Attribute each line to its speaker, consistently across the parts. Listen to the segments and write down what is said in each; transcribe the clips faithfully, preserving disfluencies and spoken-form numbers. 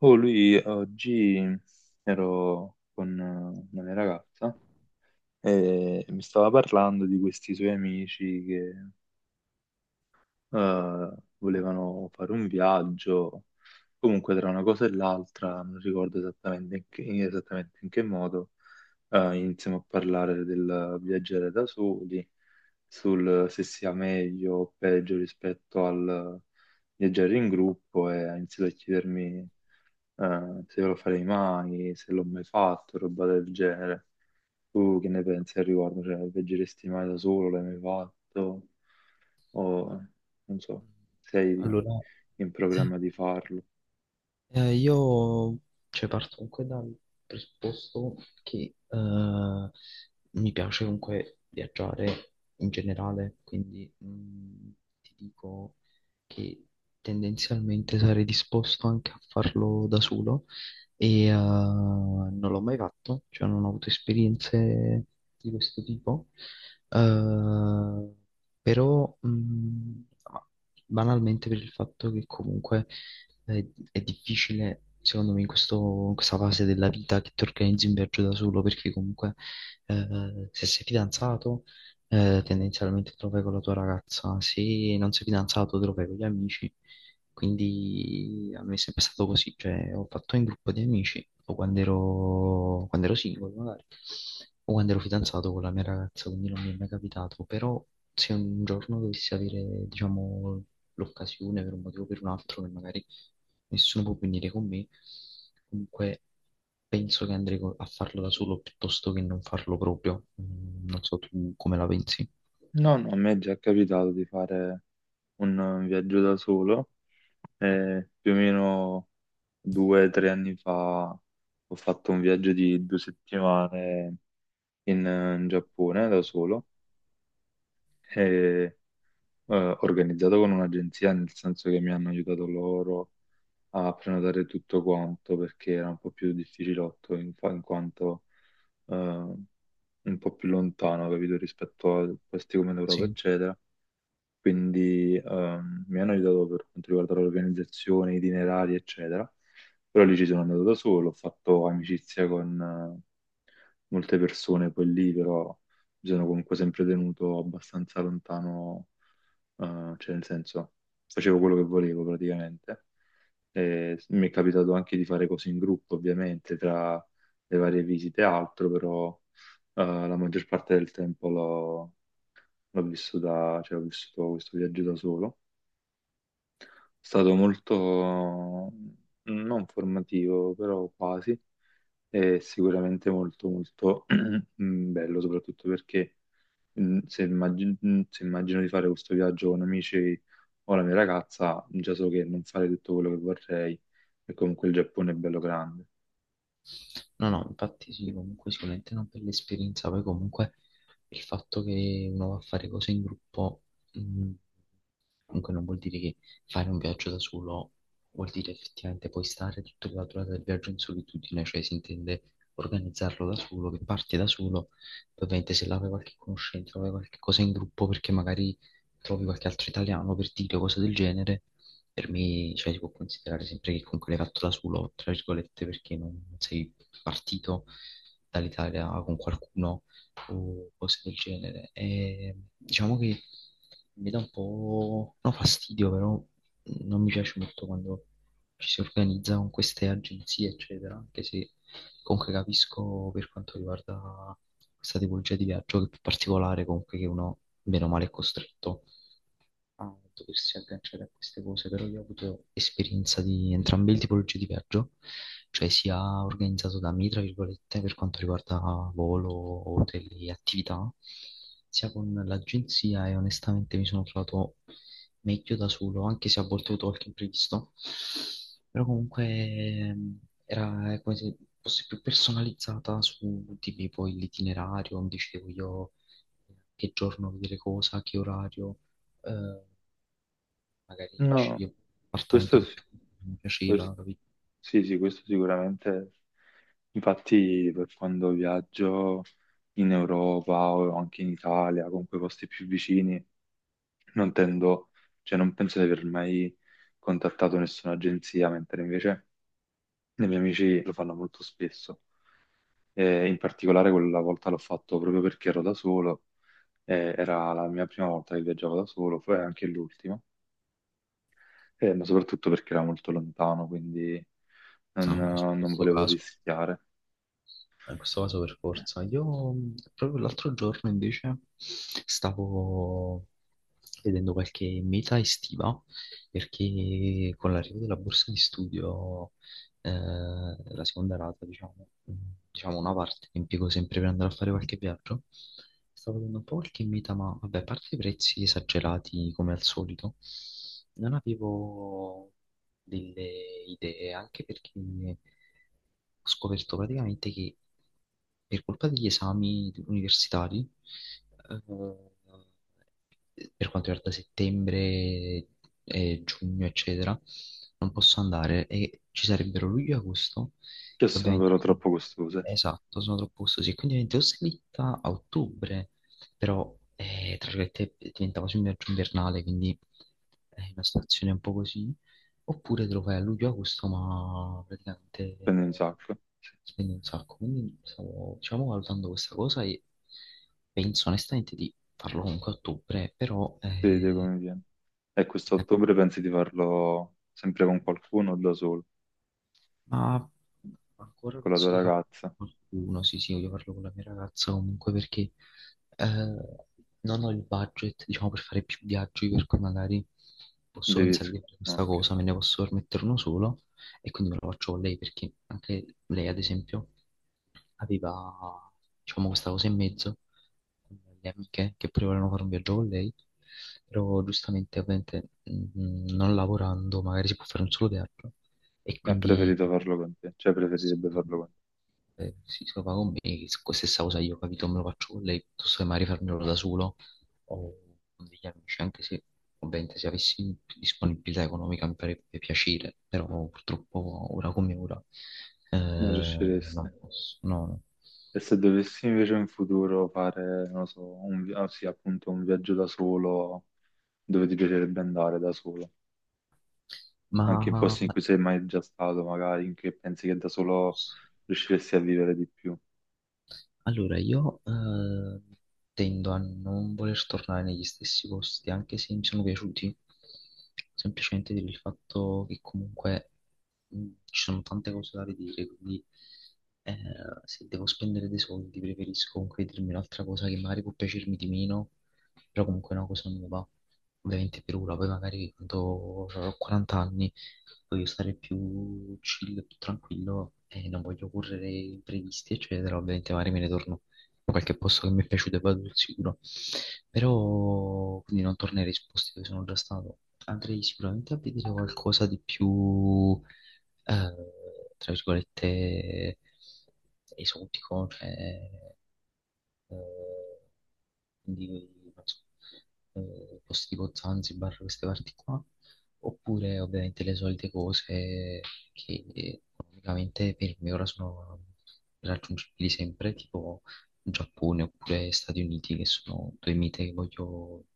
Speaker 1: Oh, lui oggi ero con eh, una mia ragazza e mi stava parlando di questi suoi amici che eh, volevano fare un viaggio. Comunque, tra una cosa e l'altra, non ricordo esattamente in che, in- esattamente in che modo, eh, iniziamo a parlare del viaggiare da soli, sul se sia meglio o peggio rispetto al viaggiare in gruppo, e ha iniziato a chiedermi eh, se lo farei mai, se l'ho mai fatto, roba del genere. Tu che ne pensi al riguardo? Cioè, viaggeresti mai da solo? L'hai mai fatto? O non so, sei
Speaker 2: Allora,
Speaker 1: in programma di farlo?
Speaker 2: eh, io cioè, parto comunque dal presupposto che eh, mi piace comunque viaggiare in generale, quindi mh, ti dico che tendenzialmente sarei disposto anche a farlo da solo e eh, non l'ho mai fatto, cioè non ho avuto esperienze di questo tipo. Eh, Però mh, ma banalmente per il fatto che comunque è, è difficile, secondo me, in questo- in questa fase della vita che ti organizzi un viaggio da solo, perché comunque eh, se sei fidanzato, eh, tendenzialmente te lo fai con la tua ragazza, se non sei fidanzato te lo fai con gli amici, quindi a me è sempre stato così, cioè ho fatto in gruppo di amici, o quando ero, quando ero singolo magari, o quando ero fidanzato con la mia ragazza, quindi non mi è mai capitato, però se un giorno dovessi avere, diciamo, l'occasione per un motivo o per un altro, che magari nessuno può venire con me, comunque penso che andrei co- a farlo da solo piuttosto che non farlo proprio. Mm, non so tu come la pensi.
Speaker 1: No, no, a me è già capitato di fare un un viaggio da solo. Eh, più o meno due o tre anni fa ho fatto un viaggio di due settimane in, in Giappone da solo, eh, organizzato con un'agenzia, nel senso che mi hanno aiutato loro a prenotare tutto quanto, perché era un po' più difficilotto in, fa- in quanto eh, un po' più lontano, capito, rispetto a posti come l'Europa,
Speaker 2: Sì.
Speaker 1: eccetera. Quindi ehm, mi hanno aiutato per quanto riguarda l'organizzazione, itinerari, eccetera. Però lì ci sono andato da solo, ho fatto amicizia con eh, molte persone, poi lì però mi sono comunque sempre tenuto abbastanza lontano, eh, cioè nel senso facevo quello che volevo praticamente. E mi è capitato anche di fare cose in gruppo, ovviamente, tra le varie visite e altro, però eh, la maggior parte del tempo l'ho l'ho vissuta, cioè ho vissuto questo viaggio da solo. È stato molto non formativo, però quasi, e sicuramente molto molto bello, soprattutto perché mm, se, immagin- mm, se immagino di fare questo viaggio con amici o la mia ragazza, già so che non fare tutto quello che vorrei, e comunque il Giappone è bello grande.
Speaker 2: No, no, infatti sì, comunque sicuramente è una bella esperienza, poi comunque il fatto che uno va a fare cose in gruppo, mh, comunque non vuol dire che fare un viaggio da solo vuol dire effettivamente poi stare tutta la durata del viaggio in solitudine, cioè si intende organizzarlo da solo, che parti da solo, poi ovviamente se là vai qualche conoscente, vai qualche cosa in gruppo perché magari trovi qualche altro italiano per dire cose del genere, per me, cioè, si può considerare sempre che comunque l'hai fatto da solo, tra virgolette, perché non non sei partito dall'Italia con qualcuno o cose del genere. E diciamo che mi dà un po', no, fastidio, però non mi piace molto quando ci si organizza con queste agenzie, eccetera, anche se comunque capisco per quanto riguarda questa tipologia di viaggio che è più particolare, comunque che uno, meno male, è costretto a doversi agganciare a queste cose, però io ho avuto esperienza di entrambe le tipologie di viaggio, cioè sia organizzato da me, tra virgolette, per quanto riguarda volo, hotel e attività, sia con l'agenzia e onestamente mi sono trovato meglio da solo, anche se a volte ho avuto qualche imprevisto, però comunque ehm, era come se fosse più personalizzata su di me, poi l'itinerario, mi dicevo io che giorno vedere cosa, che orario. eh, Magari
Speaker 1: No,
Speaker 2: sceglievo un appartamento
Speaker 1: questo
Speaker 2: che
Speaker 1: sì,
Speaker 2: più mi
Speaker 1: questo-
Speaker 2: piaceva, capito?
Speaker 1: sì, sì, questo sicuramente. Infatti, per quando viaggio in Europa o anche in Italia, comunque posti più vicini, non tendo, cioè non penso di aver mai contattato nessuna agenzia, mentre invece i miei amici lo fanno molto spesso. Eh, in particolare quella volta l'ho fatto proprio perché ero da solo. Eh, era la mia prima volta che viaggiavo da solo, poi anche l'ultima. Eh, ma soprattutto perché era molto lontano, quindi non,
Speaker 2: No, in
Speaker 1: non
Speaker 2: questo
Speaker 1: volevo
Speaker 2: caso,
Speaker 1: rischiare.
Speaker 2: in questo caso per forza. Io mh, proprio l'altro giorno invece stavo vedendo qualche meta estiva perché con l'arrivo della borsa di studio, eh, la seconda rata, diciamo, mh, diciamo una parte che impiego sempre per andare a fare qualche viaggio. Stavo vedendo un po' qualche meta, ma vabbè, a parte i prezzi esagerati come al solito, non avevo delle idee, anche perché ho scoperto praticamente che per colpa degli esami universitari, eh, per quanto riguarda settembre e giugno, eccetera, non posso andare e ci sarebbero luglio e agosto,
Speaker 1: Che
Speaker 2: che
Speaker 1: sono
Speaker 2: ovviamente
Speaker 1: però
Speaker 2: sono,
Speaker 1: troppo costose,
Speaker 2: esatto, sono troppo costosi, e quindi ovviamente ho slitta a ottobre, però eh, tra virgolette diventa quasi un viaggio invernale, quindi è una situazione un po' così. Oppure te lo fai a luglio-agosto, ma praticamente
Speaker 1: spendo un
Speaker 2: eh,
Speaker 1: sacco,
Speaker 2: spendi un sacco. Quindi stavo, diciamo, valutando questa cosa e penso onestamente di farlo comunque a ottobre, però
Speaker 1: si vede
Speaker 2: eh,
Speaker 1: come viene. E
Speaker 2: la-
Speaker 1: quest'ottobre pensi di farlo sempre con qualcuno o da solo,
Speaker 2: ma ancora
Speaker 1: con la tua
Speaker 2: penso di farlo
Speaker 1: ragazza?
Speaker 2: con qualcuno, sì, sì, voglio farlo con la mia ragazza comunque perché eh, non ho il budget, diciamo, per fare più viaggi, per cui magari posso
Speaker 1: Devi...
Speaker 2: pensare di fare questa
Speaker 1: Ok,
Speaker 2: cosa, me ne posso permettere uno solo e quindi me lo faccio con lei perché anche lei, ad esempio, aveva, diciamo, questa cosa in mezzo con le amiche che pure volevano fare un viaggio con lei, però giustamente, ovviamente, mh, non lavorando magari si può fare un solo viaggio e
Speaker 1: ha
Speaker 2: quindi
Speaker 1: preferito farlo con te, cioè
Speaker 2: s-
Speaker 1: preferirebbe farlo con te.
Speaker 2: eh, si trova con me, s- stessa cosa io, capito, me lo faccio con lei, piuttosto che magari farmelo da solo o con degli amici, anche se ovviamente se avessi disponibilità economica mi farebbe piacere, però purtroppo ora come ora eh,
Speaker 1: Non riusciresti.
Speaker 2: non posso, no, no.
Speaker 1: E se dovessi invece in futuro fare, non lo so, un, vi- ah, sì, appunto, un viaggio da solo, dove ti piacerebbe andare da solo?
Speaker 2: Ma
Speaker 1: Anche in posti in cui sei mai già stato, magari, in cui pensi che da solo riusciresti a vivere di più,
Speaker 2: Allora, io eh, tendo a non voler tornare negli stessi posti, anche se mi sono piaciuti, semplicemente per il fatto che comunque mh, ci sono tante cose da vedere, quindi eh, se devo spendere dei soldi preferisco comunque vedermi un'altra cosa che magari può piacermi di meno, però comunque è una cosa nuova, ovviamente per ora, poi magari quando avrò quaranta anni voglio stare più chill, più tranquillo e non voglio correre imprevisti, eccetera. Ovviamente magari me ne torno a qualche posto che mi è piaciuto e vado sul sicuro. Però quindi non tornerei su posti dove sono già stato. Andrei sicuramente a vedere qualcosa di più, eh, tra virgolette, esotico, cioè eh, quindi non so, eh, posti tipo Zanzibar, queste parti qua, oppure ovviamente le solite cose che economicamente per me ora sono raggiungibili sempre, tipo Giappone oppure Stati Uniti, che sono due mite che voglio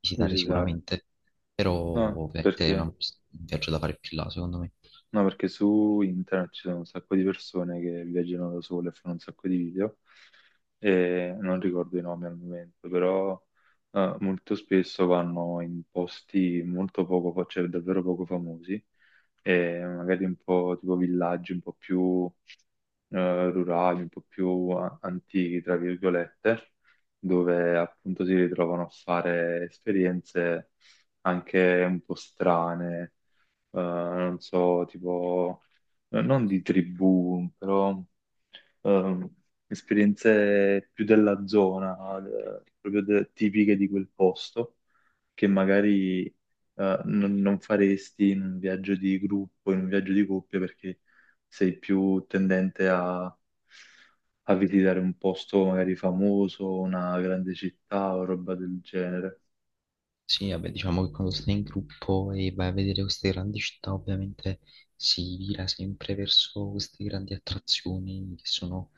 Speaker 2: visitare
Speaker 1: visitare.
Speaker 2: sicuramente, però
Speaker 1: Ah,
Speaker 2: ovviamente è una-
Speaker 1: perché?
Speaker 2: un viaggio da fare più là, secondo me.
Speaker 1: No, perché su internet ci sono un sacco di persone che viaggiano da sole e fanno un sacco di video, e non ricordo i nomi al momento, però eh, molto spesso vanno in posti molto poco, fa- cioè davvero poco famosi, e magari un po' tipo villaggi un po' più eh, rurali, un po' più a- antichi, tra virgolette, dove appunto si ritrovano a fare esperienze anche un po' strane, eh, non so, tipo, eh, non di tribù, però ehm, esperienze più della zona, eh, proprio de- tipiche di quel posto, che magari eh, non, non faresti in un viaggio di gruppo, in un viaggio di coppia, perché sei più tendente a, a visitare un posto magari famoso, una grande città o roba del genere.
Speaker 2: Sì, vabbè, diciamo che quando stai in gruppo e vai a vedere queste grandi città, ovviamente si vira sempre verso queste grandi attrazioni che sono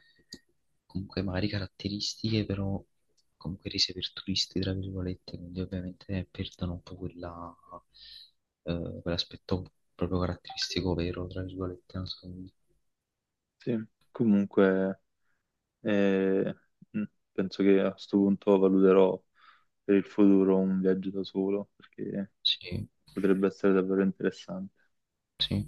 Speaker 2: comunque magari caratteristiche, però comunque rese per turisti, tra virgolette, quindi ovviamente perdono un po' quella, eh, quell'aspetto proprio caratteristico vero, tra virgolette, non so, come dire.
Speaker 1: Sì, comunque. E mm, penso che a questo punto valuterò per il futuro un viaggio da solo, perché
Speaker 2: Sì,
Speaker 1: potrebbe essere davvero interessante.
Speaker 2: sì.